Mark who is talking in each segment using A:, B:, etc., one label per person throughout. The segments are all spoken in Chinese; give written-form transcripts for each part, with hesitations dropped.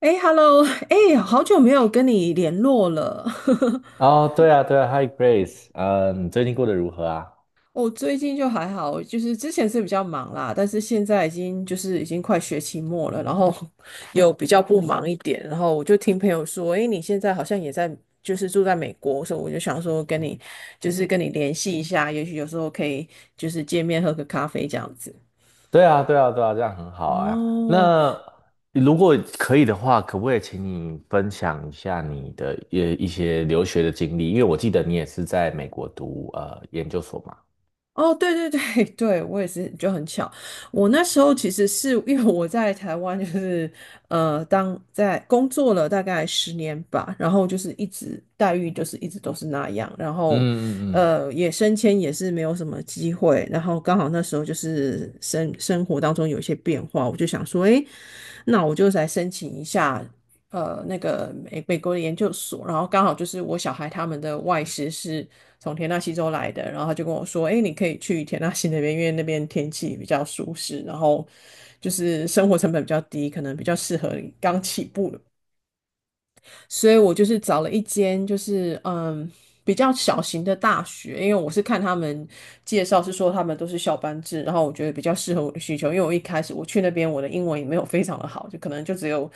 A: 哎，Hello，哎，好久没有跟你联络了。
B: 哦，对啊，对啊，Hi Grace，嗯，你最近过得如何啊？
A: 我最近就还好，就是之前是比较忙啦，但是现在已经就是已经快学期末了，然后 有比较不忙一点。然后我就听朋友说，哎，你现在好像也在，就是住在美国，所以我就想说跟你就是跟你联系一下，也许有时候可以就是见面喝个咖啡这样子。
B: 对啊，对啊，对啊，这样很好啊。
A: 哦，
B: 那如果可以的话，可不可以请你分享一下你的一些留学的经历？因为我记得你也是在美国读研究所嘛。
A: 哦，对对对 对，我也是就很巧。我那时候其实是因为我在台湾，就是当在工作了大概十年吧，然后就是一直待遇就是一直都是那样，然
B: 嗯
A: 后
B: 嗯嗯。
A: 也升迁也是没有什么机会，然后刚好那时候就是生活当中有一些变化，我就想说，诶，那我就来申请一下那个美国的研究所，然后刚好就是我小孩他们的外师是从田纳西州来的，然后他就跟我说，哎，你可以去田纳西那边，因为那边天气比较舒适，然后就是生活成本比较低，可能比较适合刚起步的。所以我就是找了一间就是嗯比较小型的大学，因为我是看他们介绍是说他们都是校班制，然后我觉得比较适合我的需求，因为我一开始我去那边我的英文也没有非常的好，就可能就只有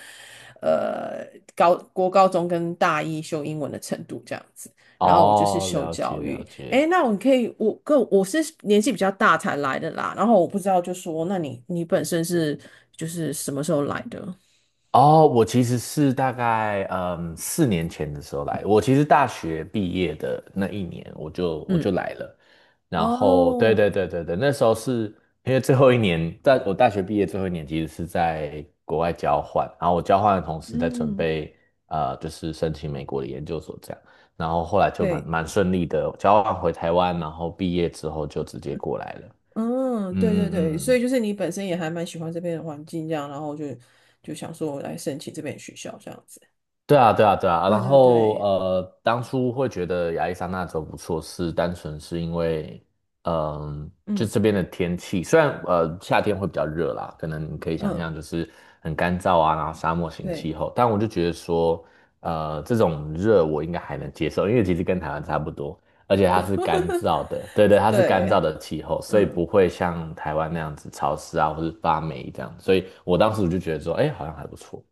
A: 呃高高中跟大一修英文的程度这样子，然后我就是
B: 哦，
A: 修
B: 了
A: 教
B: 解了
A: 育，
B: 解。
A: 诶，那我可以我是年纪比较大才来的啦，然后我不知道就说那你本身是就是什么时候来的？
B: 哦，我其实是大概4年前的时候来，我其实大学毕业的那一年我就我
A: 嗯，
B: 就来了，然后对
A: 哦，
B: 对对对对，那时候是因为最后一年，在我大学毕业最后一年其实是在国外交换，然后我交换的同时在准
A: 嗯。
B: 备就是申请美国的研究所这样，然后后来就蛮
A: 对，
B: 蛮顺利的交换回台湾，然后毕业之后就直接过来了，
A: 嗯，对对
B: 嗯嗯
A: 对，
B: 嗯
A: 所以
B: 嗯。
A: 就是你本身也还蛮喜欢这边的环境，这样，然后就就想说我来申请这边的学校这样子。
B: 对啊，对啊，对啊。
A: 对
B: 然
A: 对
B: 后
A: 对，
B: 当初会觉得亚利桑那州不错，是单纯是因为，嗯、就
A: 嗯
B: 这边的天气，虽然夏天会比较热啦，可能你可以想
A: 嗯，
B: 象就是很干燥啊，然后沙漠型
A: 对
B: 气候，但我就觉得说，这种热我应该还能接受，因为其实跟台湾差不多，而且它是干燥的，对对，它是干燥
A: 对，
B: 的气候，所以
A: 嗯。
B: 不会像台湾那样子潮湿啊，或是发霉这样，所以我当时我就觉得说，哎，好像还不错。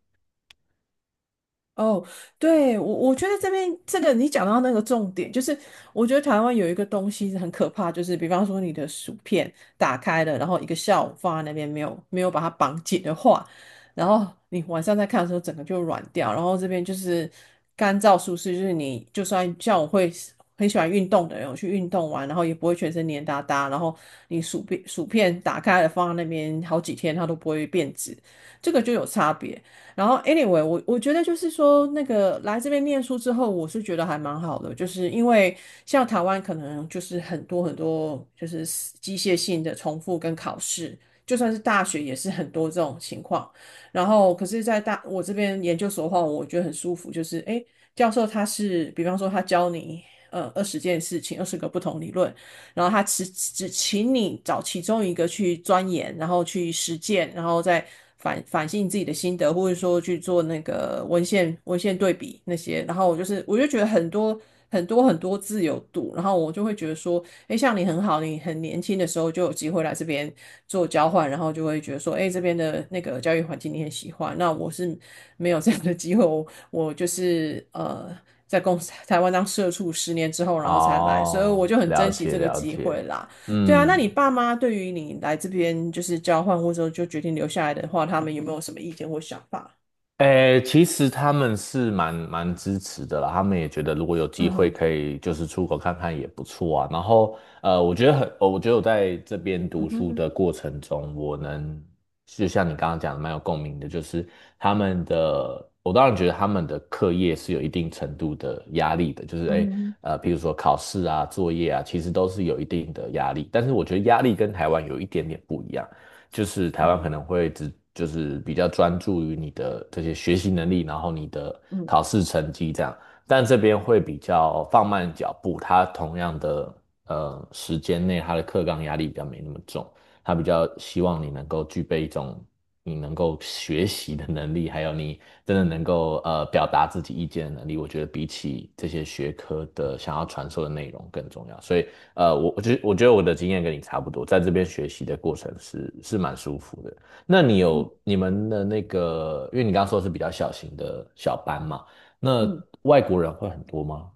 A: 哦，对，我觉得这边这个你讲到那个重点，就是我觉得台湾有一个东西很可怕，就是比方说你的薯片打开了，然后一个下午放在那边没有把它绑紧的话，然后你晚上再看的时候整个就软掉，然后这边就是干燥舒适，就是你就算像我会很喜欢运动的人，我去运动完，然后也不会全身黏哒哒，然后你薯片打开了放在那边好几天它都不会变质，这个就有差别。然后，anyway，我觉得就是说，那个来这边念书之后，我是觉得还蛮好的，就是因为像台湾可能就是很多很多就是机械性的重复跟考试，就算是大学也是很多这种情况。然后，可是，在大我这边研究所的话，我觉得很舒服，就是诶，教授他是比方说他教你20件事情，20个不同理论，然后他只请你找其中一个去钻研，然后去实践，然后再反省自己的心得，或者说去做那个文献对比那些。然后我就是我就觉得很多很多很多自由度，然后我就会觉得说，哎，像你很好，你很年轻的时候就有机会来这边做交换，然后就会觉得说，哎，这边的那个教育环境你很喜欢。那我是没有这样的机会，我就是呃。在公司 台湾当社畜10年之后，然后才来，所以我
B: 哦，
A: 就很
B: 了
A: 珍惜这
B: 解
A: 个
B: 了
A: 机会
B: 解。
A: 啦。对啊，那
B: 嗯。
A: 你爸妈对于你来这边就是交换或者就决定留下来的话，他们有没有什么意见或想法？
B: 诶，其实他们是蛮支持的啦，他们也觉得如果有机
A: 嗯
B: 会
A: 哼，
B: 可以就是出国看看也不错啊。然后我觉得很，我觉得我在这边
A: 嗯
B: 读
A: 哼
B: 书
A: 哼，
B: 的过程中，我能就像你刚刚讲的蛮有共鸣的，就是他们的，我当然觉得他们的课业是有一定程度的压力的，就是
A: 嗯
B: 诶。
A: 哼
B: 比如说考试啊、作业啊，其实都是有一定的压力，但是我觉得压力跟台湾有一点点不一样。就是台
A: 嗯
B: 湾可
A: 哼，
B: 能会只就是比较专注于你的这些学习能力，然后你的
A: 嗯哼
B: 考试成绩这样，但这边会比较放慢脚步，它同样的时间内，它的课纲压力比较没那么重，它比较希望你能够具备一种。你能够学习的能力，还有你真的
A: 嗯
B: 能
A: 嗯
B: 够表达自己意见的能力，我觉得比起这些学科的想要传授的内容更重要。所以我觉得我的经验跟你差不多，在这边学习的过程是蛮舒服的。那你有你们的那个，因为你刚刚说是比较小型的小班嘛，那
A: 嗯。
B: 外国人会很多吗？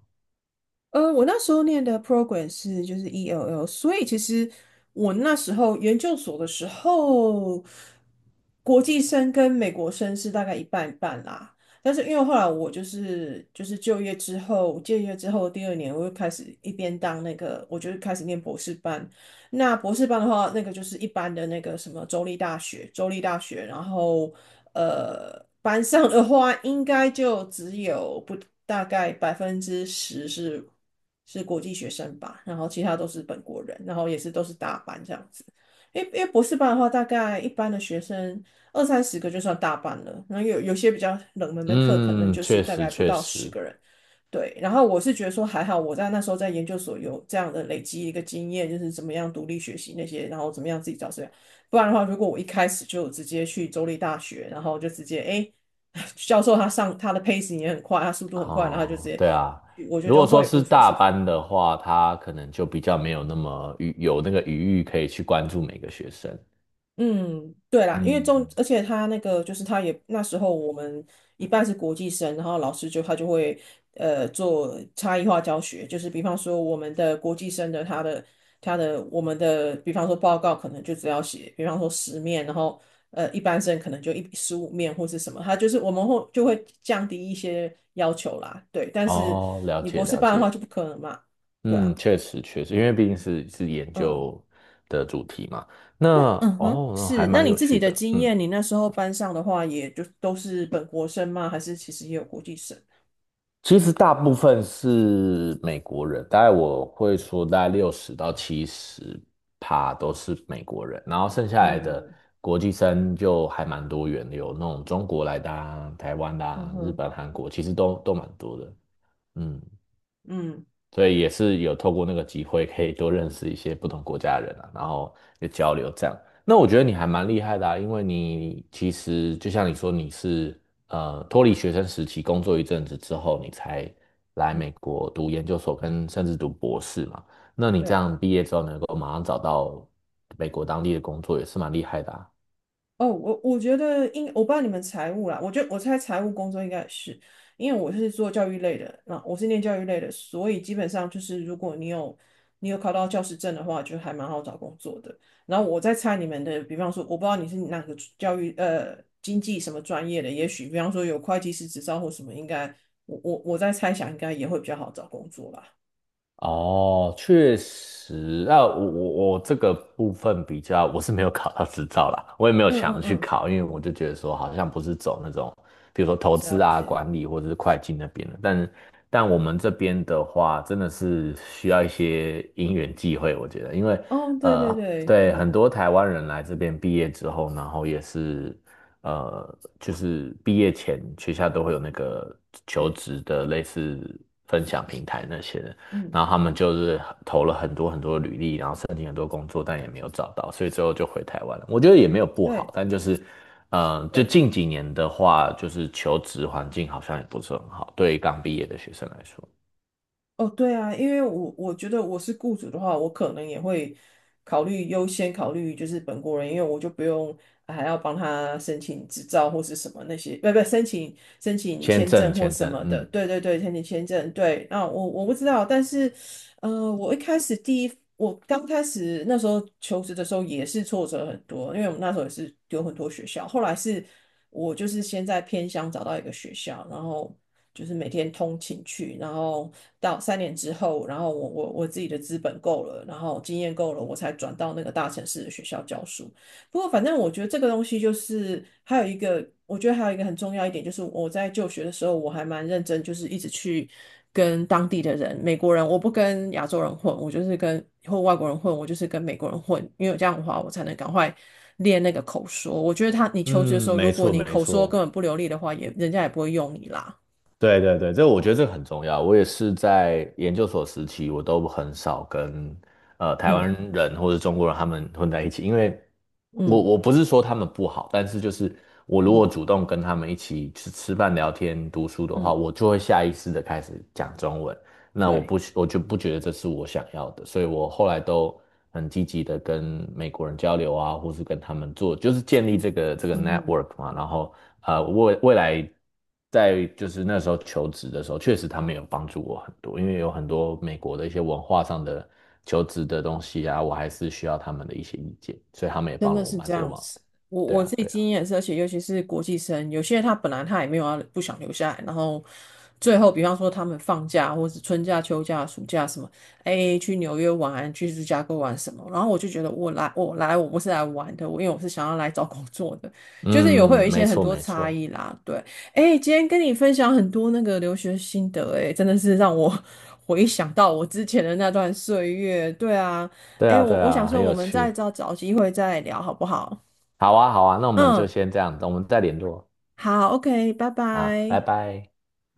A: 呃，我那时候念的 program 是就是 ELL，所以其实我那时候研究所的时候，国际生跟美国生是大概一半一半啦。但是因为后来我就是就业之后，就业之后第二年我就开始一边当那个，我就开始念博士班，那博士班的话，那个就是一般的那个什么州立大学，州立大学，然后呃，班上的话应该就只有不大概10%是是国际学生吧，然后其他都是本国人，然后也是都是大班这样子。因为因为博士班的话，大概一般的学生二三十个就算大班了，然后有些比较冷门的课，可能
B: 嗯，
A: 就是
B: 确
A: 大
B: 实
A: 概不
B: 确
A: 到十
B: 实。
A: 个人。对，然后我是觉得说还好，我在那时候在研究所有这样的累积一个经验，就是怎么样独立学习那些，然后怎么样自己找资料。不然的话，如果我一开始就直接去州立大学，然后就直接哎，教授他上他的 pace 也很快，他速度很快，然后就直
B: 哦，
A: 接
B: 对啊，
A: 我觉得
B: 如
A: 就
B: 果说
A: 会
B: 是
A: 无所
B: 大
A: 事事。
B: 班的话，他可能就比较没有那么余有那个余裕可以去关注每个学生。
A: 嗯，对啦，因为中，
B: 嗯。
A: 而且他那个就是他也那时候我们一半是国际生，然后老师就他就会呃做差异化教学，就是比方说我们的国际生的他的我们的比方说报告可能就只要写，比方说10面，然后呃一般生可能就15面或是什么，他就是我们会就会降低一些要求啦，对，但是
B: 哦，了
A: 你
B: 解
A: 博士
B: 了
A: 班的话
B: 解。
A: 就不可能嘛，对
B: 嗯，
A: 啊，
B: 确实确实，因为毕竟是研
A: 嗯。
B: 究的主题嘛。那
A: 那嗯哼，
B: 哦，那还
A: 是，那
B: 蛮
A: 你
B: 有
A: 自己
B: 趣
A: 的
B: 的。
A: 经
B: 嗯，
A: 验，你那时候班上的话，也就都是本国生吗？还是其实也有国际生？
B: 其实大部分是美国人，大概我会说大概60到70趴都是美国人，然后剩下来的
A: 嗯
B: 国际生就还蛮多元的，有那种中国来的啊、台湾的
A: 嗯
B: 啊、日
A: 哼，
B: 本、韩国，其实都蛮多的。嗯。
A: 嗯，
B: 所以也是有透过那个机会，可以多认识一些不同国家的人啊，然后就交流这样。那我觉得你还蛮厉害的啊，因为你其实就像你说，你是脱离学生时期工作一阵子之后，你才来
A: 嗯，
B: 美国读研究所跟甚至读博士嘛。那你这
A: 对。
B: 样毕业之后能够马上找到美国当地的工作，也是蛮厉害的啊。
A: 哦，我觉得我不知道你们财务啦，我觉得我猜财务工作应该也是，因为我是做教育类的，那我是念教育类的，所以基本上就是如果你有考到教师证的话，就还蛮好找工作的。然后我在猜你们的，比方说我不知道你是哪个教育呃经济什么专业的，也许比方说有会计师执照或什么，应该我在猜想应该也会比较好找工作啦。
B: 哦，确实，那我这个部分比较，我是没有考到执照啦，我也没有
A: 嗯
B: 想
A: 嗯
B: 去
A: 嗯，
B: 考，因为我就觉得说好像不是走那种，比如说投
A: 了
B: 资啊、
A: 解。
B: 管理或者是会计那边的，但但我们这边的话，真的是需要一些因缘际会，我觉得，因为
A: 哦，对对
B: 呃，
A: 对，
B: 对
A: 嗯
B: 很多台湾人来这边毕业之后，然后也是就是毕业前学校都会有那个求
A: 是
B: 职的类似分享平台那些的。
A: 嗯
B: 然后他们就是投了很多很多履历，然后申请很多工作，但也没有找到，所以最后就回台湾了。我觉得也没有不好，
A: 对。
B: 但就是，嗯、就
A: 对
B: 近几年的话，就是求职环境好像也不是很好，对于刚毕业的学生来说，
A: 哦，对啊，因为我觉得我是雇主的话，我可能也会优先考虑就是本国人，因为我就不用啊还要帮他申请执照或是什么那些，不申请
B: 签
A: 签
B: 证，
A: 证或
B: 签
A: 什
B: 证，
A: 么的。
B: 嗯。
A: 对对对，申请签证，对。那我我不知道，但是呃，我一开始第一，我刚开始那时候求职的时候也是挫折很多，因为我们那时候也是丢很多学校。后来是我就是先在偏乡找到一个学校，然后就是每天通勤去，然后到3年之后，然后我自己的资本够了，然后经验够了，我才转到那个大城市的学校教书。不过，反正我觉得这个东西就是还有一个，我觉得还有一个很重要一点，就是我在就学的时候，我还蛮认真，就是一直去跟当地的人，美国人，我不跟亚洲人混，我就是跟或外国人混，我就是跟美国人混，因为这样的话，我才能赶快练那个口说。我觉得他，你求职的时
B: 嗯，
A: 候，
B: 没
A: 如果
B: 错
A: 你
B: 没
A: 口说根
B: 错，
A: 本不流利的话，也人家也不会用你啦。
B: 对对对，这我觉得这个很重要。我也是在研究所时期，我都很少跟台湾
A: 嗯
B: 人或者中国人他们混在一起，因为我
A: 嗯
B: 我不是说他们不好，但是就是我如
A: 嗯
B: 果主动跟他们一起去吃饭、聊天、读书的话，
A: 嗯，
B: 我就会下意识的开始讲中文。那我
A: 对。
B: 不我就不觉得这是我想要的，所以我后来都很积极的跟美国人交流啊，或是跟他们做，就是建立这个
A: 嗯哼。
B: network 嘛。然后未来在就是那时候求职的时候，确实他们有帮助我很多，因为有很多美国的一些文化上的求职的东西啊，我还是需要他们的一些意见，所以他们也
A: 真
B: 帮了
A: 的
B: 我
A: 是
B: 蛮
A: 这
B: 多
A: 样
B: 忙
A: 子。
B: 的。对
A: 我
B: 啊，
A: 自己
B: 对啊。
A: 经验也是，而且尤其是国际生，有些他本来他也没有要不想留下来，然后最后比方说他们放假或者是春假、秋假、暑假什么，哎，去纽约玩，去芝加哥玩什么，然后我就觉得我不是来玩的，我因为我是想要来找工作的，就是有会有一
B: 嗯，没
A: 些很
B: 错
A: 多
B: 没
A: 差
B: 错。
A: 异啦。对，哎，今天跟你分享很多那个留学心得，哎，真的是让我 回想到我之前的那段岁月。对啊。
B: 对
A: 哎，
B: 啊对
A: 我想
B: 啊，很
A: 说，我
B: 有
A: 们再
B: 趣。
A: 找找机会再聊好不好？
B: 好啊好啊，那我们就
A: 嗯，
B: 先这样，我们再联络。
A: 好，OK，拜
B: 啊，拜
A: 拜。
B: 拜。